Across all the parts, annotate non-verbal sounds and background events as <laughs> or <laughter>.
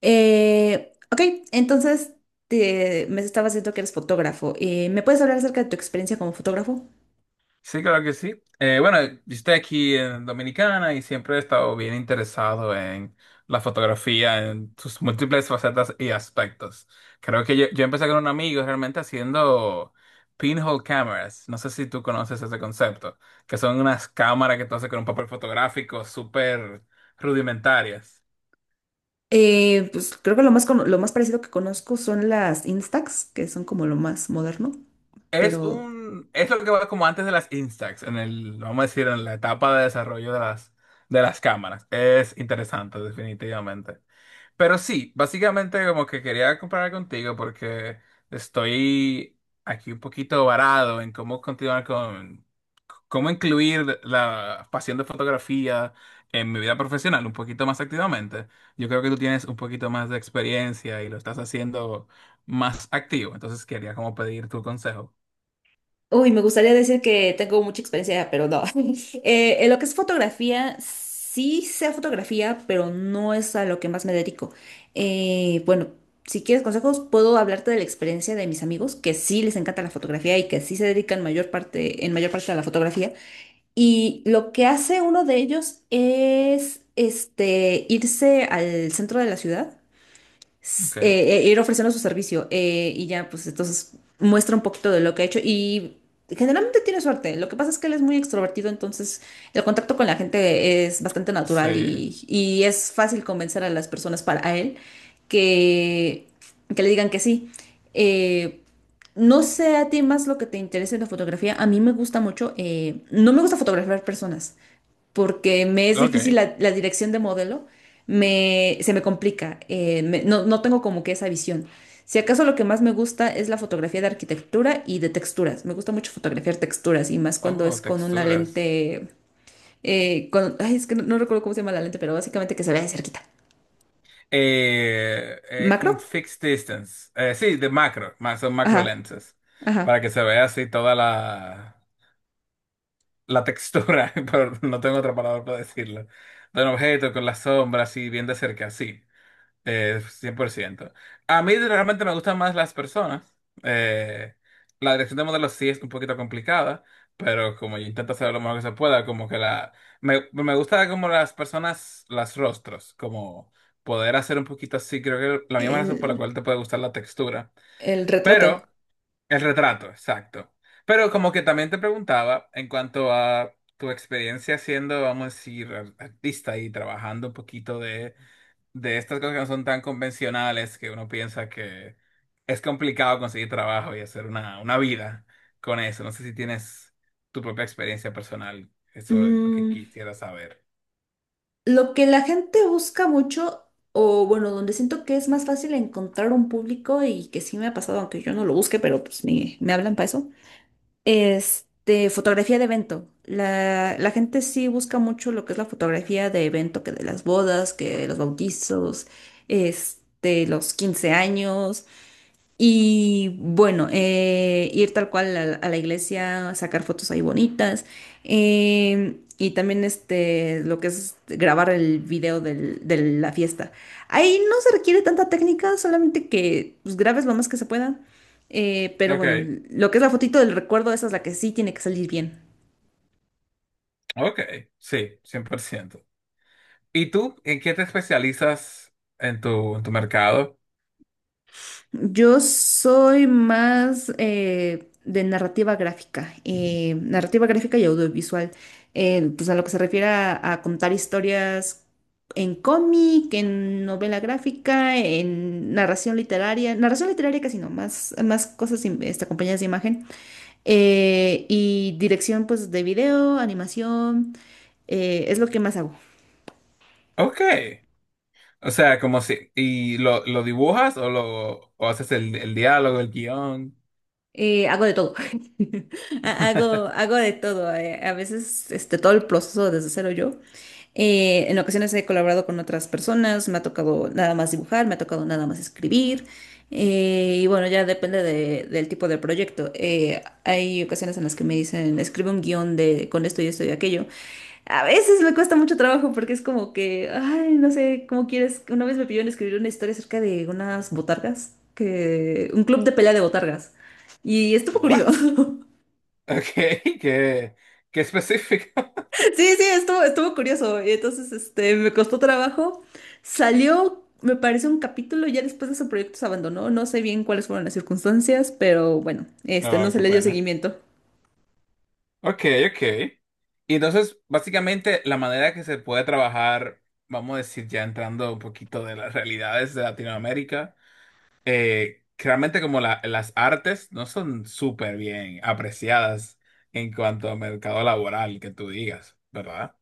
Eh, ok, entonces me estabas diciendo que eres fotógrafo. ¿me puedes hablar acerca de tu experiencia como fotógrafo? Sí, claro que sí. Bueno, yo estoy aquí en Dominicana y siempre he estado bien interesado en la fotografía, en sus múltiples facetas y aspectos. Creo que yo empecé con un amigo realmente haciendo pinhole cameras. No sé si tú conoces ese concepto, que son unas cámaras que tú haces con un papel fotográfico súper rudimentarias. Pues creo que lo más parecido que conozco son las Instax, que son como lo más moderno, Es pero un, es lo que va como antes de las Instax, en el, vamos a decir, en la etapa de desarrollo de las cámaras. Es interesante, definitivamente. Pero sí, básicamente como que quería comparar contigo porque estoy aquí un poquito varado en cómo continuar con, cómo incluir la pasión de fotografía en mi vida profesional un poquito más activamente. Yo creo que tú tienes un poquito más de experiencia y lo estás haciendo más activo, entonces quería como pedir tu consejo. Uy, me gustaría decir que tengo mucha experiencia, pero no. <laughs> En lo que es fotografía, sí sé fotografía, pero no es a lo que más me dedico. Bueno, si quieres consejos, puedo hablarte de la experiencia de mis amigos, que sí les encanta la fotografía y que sí se dedican en mayor parte a la fotografía. Y lo que hace uno de ellos es este, irse al centro de la ciudad Ok, ir ofreciendo su servicio y ya, pues entonces muestra un poquito de lo que ha hecho y generalmente tiene suerte. Lo que pasa es que él es muy extrovertido, entonces el contacto con la gente es bastante natural sí, y es fácil convencer a las personas para a él que, que le digan que sí. Eh, no sé a ti más lo que te interese en la fotografía. A mí me gusta mucho. No me gusta fotografiar personas porque me es difícil ok. La dirección de modelo, se me complica, no tengo como que esa visión. Si acaso lo que más me gusta es la fotografía de arquitectura y de texturas. Me gusta mucho fotografiar texturas y más cuando es Oh, con una texturas. lente, ay, es que no recuerdo cómo se llama la lente, pero básicamente que se vea de cerquita. Es ¿Macro? un fixed distance. Sí, de macro, más son macro Ajá, lenses. Para ajá. que se vea así toda la textura, <laughs> pero no tengo otra palabra para decirlo. De un objeto con las sombras así bien de cerca, sí. 100%. A mí realmente me gustan más las personas. Eh, la dirección de modelos sí es un poquito complicada, pero como yo intento hacer lo mejor que se pueda, como que la... Me gusta como las personas, las rostros, como poder hacer un poquito así, creo que la misma razón por la El, cual te puede gustar la textura. el retrato. Pero el retrato, exacto. Pero como que también te preguntaba en cuanto a tu experiencia siendo, vamos a decir, artista y trabajando un poquito de estas cosas que no son tan convencionales, que uno piensa que es complicado conseguir trabajo y hacer una vida con eso. No sé si tienes tu propia experiencia personal. Eso es lo que Mm, quisiera saber. Lo que la gente busca mucho, o bueno, donde siento que es más fácil encontrar un público y que sí me ha pasado, aunque yo no lo busque, pero pues me hablan para eso, este, fotografía de evento. La gente sí busca mucho lo que es la fotografía de evento, que de las bodas, que de los bautizos, este, los 15 años. Y bueno, ir tal cual a la iglesia, sacar fotos ahí bonitas. Y también este, lo que es grabar el video de la fiesta. Ahí no se requiere tanta técnica, solamente que pues, grabes lo más que se pueda. eh, pero Ok, bueno, lo que es la fotito del recuerdo, esa es la que sí tiene que salir bien. ok, sí, 100%. ¿Y tú en qué te especializas en tu mercado? Yo soy más de narrativa gráfica y audiovisual, pues a lo que se refiere a contar historias en cómic, en novela gráfica, en narración literaria casi no, más cosas acompañadas de imagen, y dirección pues de video, animación, es lo que más hago. Ok. O sea, como si... ¿Y lo dibujas o lo o haces el diálogo, el guión? Hago de todo. <laughs> <laughs> Hago de todo. A veces este, todo el proceso desde cero yo. En ocasiones he colaborado con otras personas, me ha tocado nada más dibujar, me ha tocado nada más escribir. Y bueno, ya depende del tipo de proyecto. Hay ocasiones en las que me dicen, escribe un guión de con esto y esto y aquello. A veces me cuesta mucho trabajo porque es como que, ay, no sé, ¿cómo quieres? Una vez me pidieron escribir una historia acerca de unas botargas, que un club de pelea de botargas. Y estuvo curioso. What? <laughs> Ok, qué, qué específico. <laughs> Sí, sí, estuvo curioso. Y entonces, este, me costó trabajo. Salió, me parece, un capítulo. Ya después de ese proyecto se abandonó. No sé bien cuáles fueron las circunstancias, pero bueno, este, no No, se qué le dio pena. seguimiento. Ok, ok. Y entonces, básicamente, la manera que se puede trabajar, vamos a decir, ya entrando un poquito de las realidades de Latinoamérica, que realmente como las artes no son súper bien apreciadas en cuanto a mercado laboral, que tú digas, ¿verdad?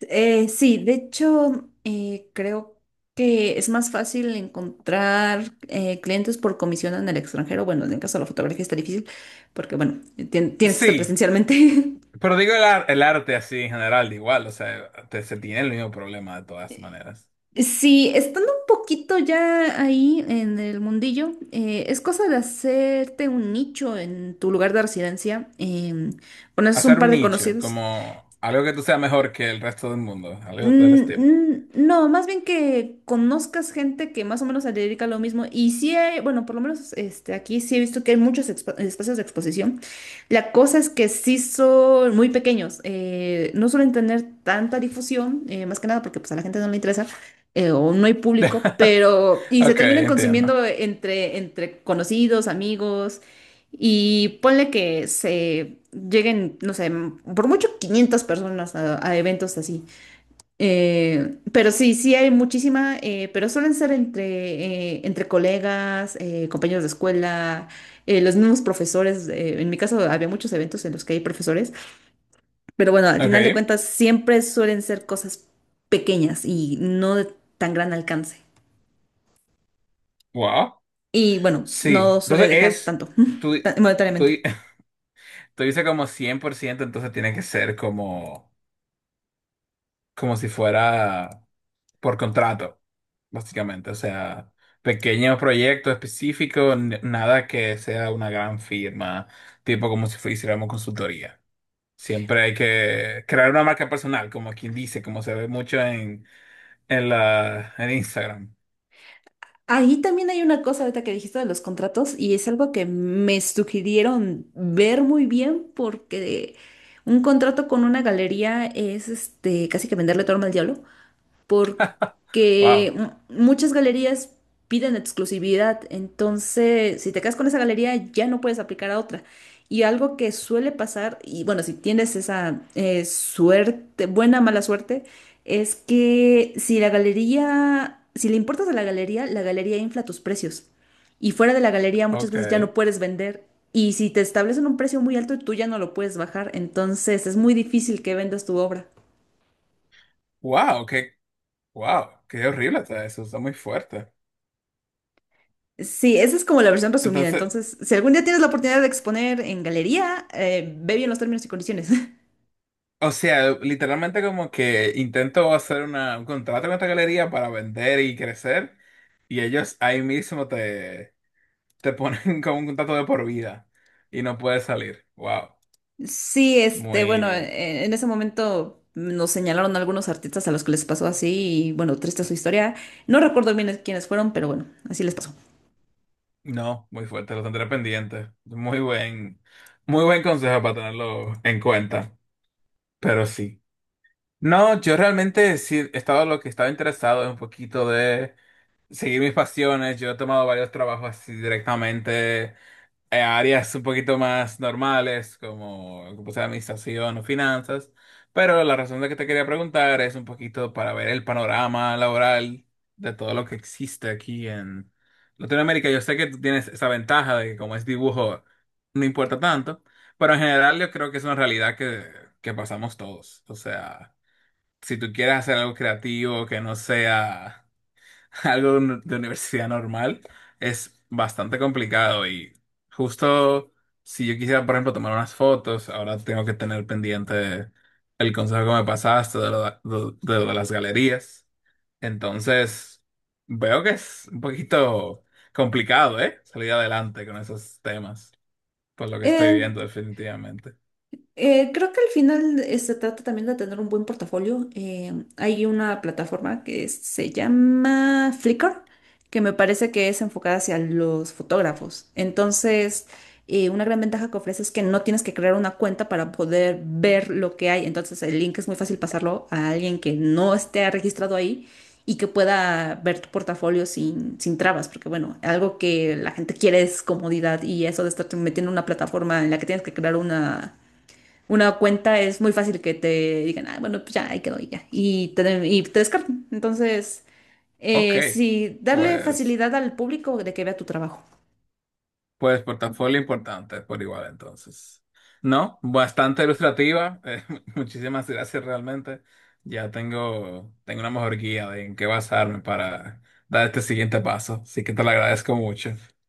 Sí, de hecho, creo que es más fácil encontrar clientes por comisión en el extranjero. Bueno, en el caso de la fotografía está difícil porque, bueno, tienes que estar Sí, presencialmente. <laughs> pero digo el, el arte así en general, de igual, o sea, se tiene el mismo problema de todas maneras. Sí, estando un poquito ya ahí en el mundillo, es cosa de hacerte un nicho en tu lugar de residencia. Conoces un Hacer par un de nicho, conocidos. como algo que tú seas mejor que el resto del mundo, algo del Mm, estilo. mm, no, más bien que conozcas gente que más o menos se dedica a lo mismo. Y sí hay, bueno, por lo menos este, aquí sí he visto que hay muchos espacios de exposición. La cosa es que sí son muy pequeños. No suelen tener tanta difusión, más que nada porque pues, a la gente no le interesa o no hay público, <laughs> pero... Y se Ok, terminan entiendo. consumiendo entre conocidos, amigos. Y ponle que se lleguen, no sé, por mucho 500 personas a eventos así. Pero sí, sí hay muchísima, pero suelen ser entre colegas, compañeros de escuela, los mismos profesores. En mi caso había muchos eventos en los que hay profesores, pero bueno, al Ok, final de cuentas siempre suelen ser cosas pequeñas y no de tan gran alcance. wow. Y bueno, Sí, no suele entonces dejar es, tanto, tú, <laughs> tú, monetariamente. <laughs> tú dices como 100%, entonces tiene que ser como... como si fuera por contrato, básicamente. O sea, pequeños proyectos específicos, nada que sea una gran firma, tipo como si fuésemos consultoría. Siempre hay que crear una marca personal, como quien dice, como se ve mucho en la, en Instagram. Ahí también hay una cosa ahorita que dijiste de los contratos y es algo que me sugirieron ver muy bien porque un contrato con una galería es este casi que venderle todo al diablo <laughs> porque Wow, muchas galerías piden exclusividad, entonces si te quedas con esa galería ya no puedes aplicar a otra. Y algo que suele pasar, y bueno, si tienes esa suerte, buena o mala suerte, es que si la galería, si le importas a la galería infla tus precios. Y fuera de la galería muchas veces ya no ok. puedes vender. Y si te establecen un precio muy alto, tú ya no lo puedes bajar. Entonces es muy difícil que vendas tu obra. Wow, qué, wow, qué horrible está eso, está muy fuerte. Sí, esa es como la versión resumida. Entonces, Entonces, si algún día tienes la oportunidad de exponer en galería, ve bien los términos y condiciones. <laughs> o sea, literalmente como que intento hacer una, un contrato con esta galería para vender y crecer y ellos ahí mismo te ponen <laughs> como un contrato de por vida y no puedes salir. Wow, Sí, este, bueno, muy, en ese momento nos señalaron algunos artistas a los que les pasó así y bueno, triste su historia. No recuerdo bien quiénes fueron, pero bueno, así les pasó. no, muy fuerte, lo tendré pendiente. Muy buen consejo para tenerlo en cuenta, pero sí. No, yo realmente sí estaba lo que estaba interesado es un poquito de seguir mis pasiones. Yo he tomado varios trabajos así directamente áreas un poquito más normales, como como sea administración o finanzas. Pero la razón de que te quería preguntar es un poquito para ver el panorama laboral de todo lo que existe aquí en Latinoamérica. Yo sé que tú tienes esa ventaja de que como es dibujo, no importa tanto, pero en general yo creo que es una realidad que pasamos todos. O sea, si tú quieres hacer algo creativo que no sea <laughs> algo de de universidad normal es bastante complicado y justo si yo quisiera, por ejemplo, tomar unas fotos, ahora tengo que tener pendiente el consejo que me pasaste de lo de las galerías. Entonces, veo que es un poquito complicado, ¿eh? Salir adelante con esos temas, por lo que estoy Eh, viendo definitivamente. Creo que al final se trata también de tener un buen portafolio. Hay una plataforma que se llama Flickr, que me parece que es enfocada hacia los fotógrafos. Entonces, una gran ventaja que ofrece es que no tienes que crear una cuenta para poder ver lo que hay. Entonces, el link es muy fácil pasarlo a alguien que no esté registrado ahí y que pueda ver tu portafolio sin trabas, porque bueno, algo que la gente quiere es comodidad y eso de estar metiendo en una plataforma en la que tienes que crear una cuenta es muy fácil que te digan, ah, bueno, pues ya, ahí quedó y ya. Y te descartan. Entonces, Ok, sí, darle pues... facilidad al público de que vea tu trabajo. pues portafolio importante por igual entonces. No, bastante ilustrativa. <laughs> Muchísimas gracias realmente. Ya tengo, tengo una mejor guía de en qué basarme para dar este siguiente paso. Así que te lo agradezco mucho. <laughs>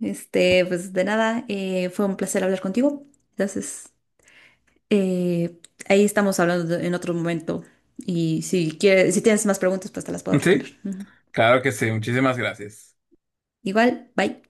Este, pues de nada, fue un placer hablar contigo. Entonces, eh, ahí estamos hablando en otro momento. Y si quieres, si tienes más preguntas, pues te las puedo responder. Sí, Ujú. claro que sí. Muchísimas gracias. Igual, bye.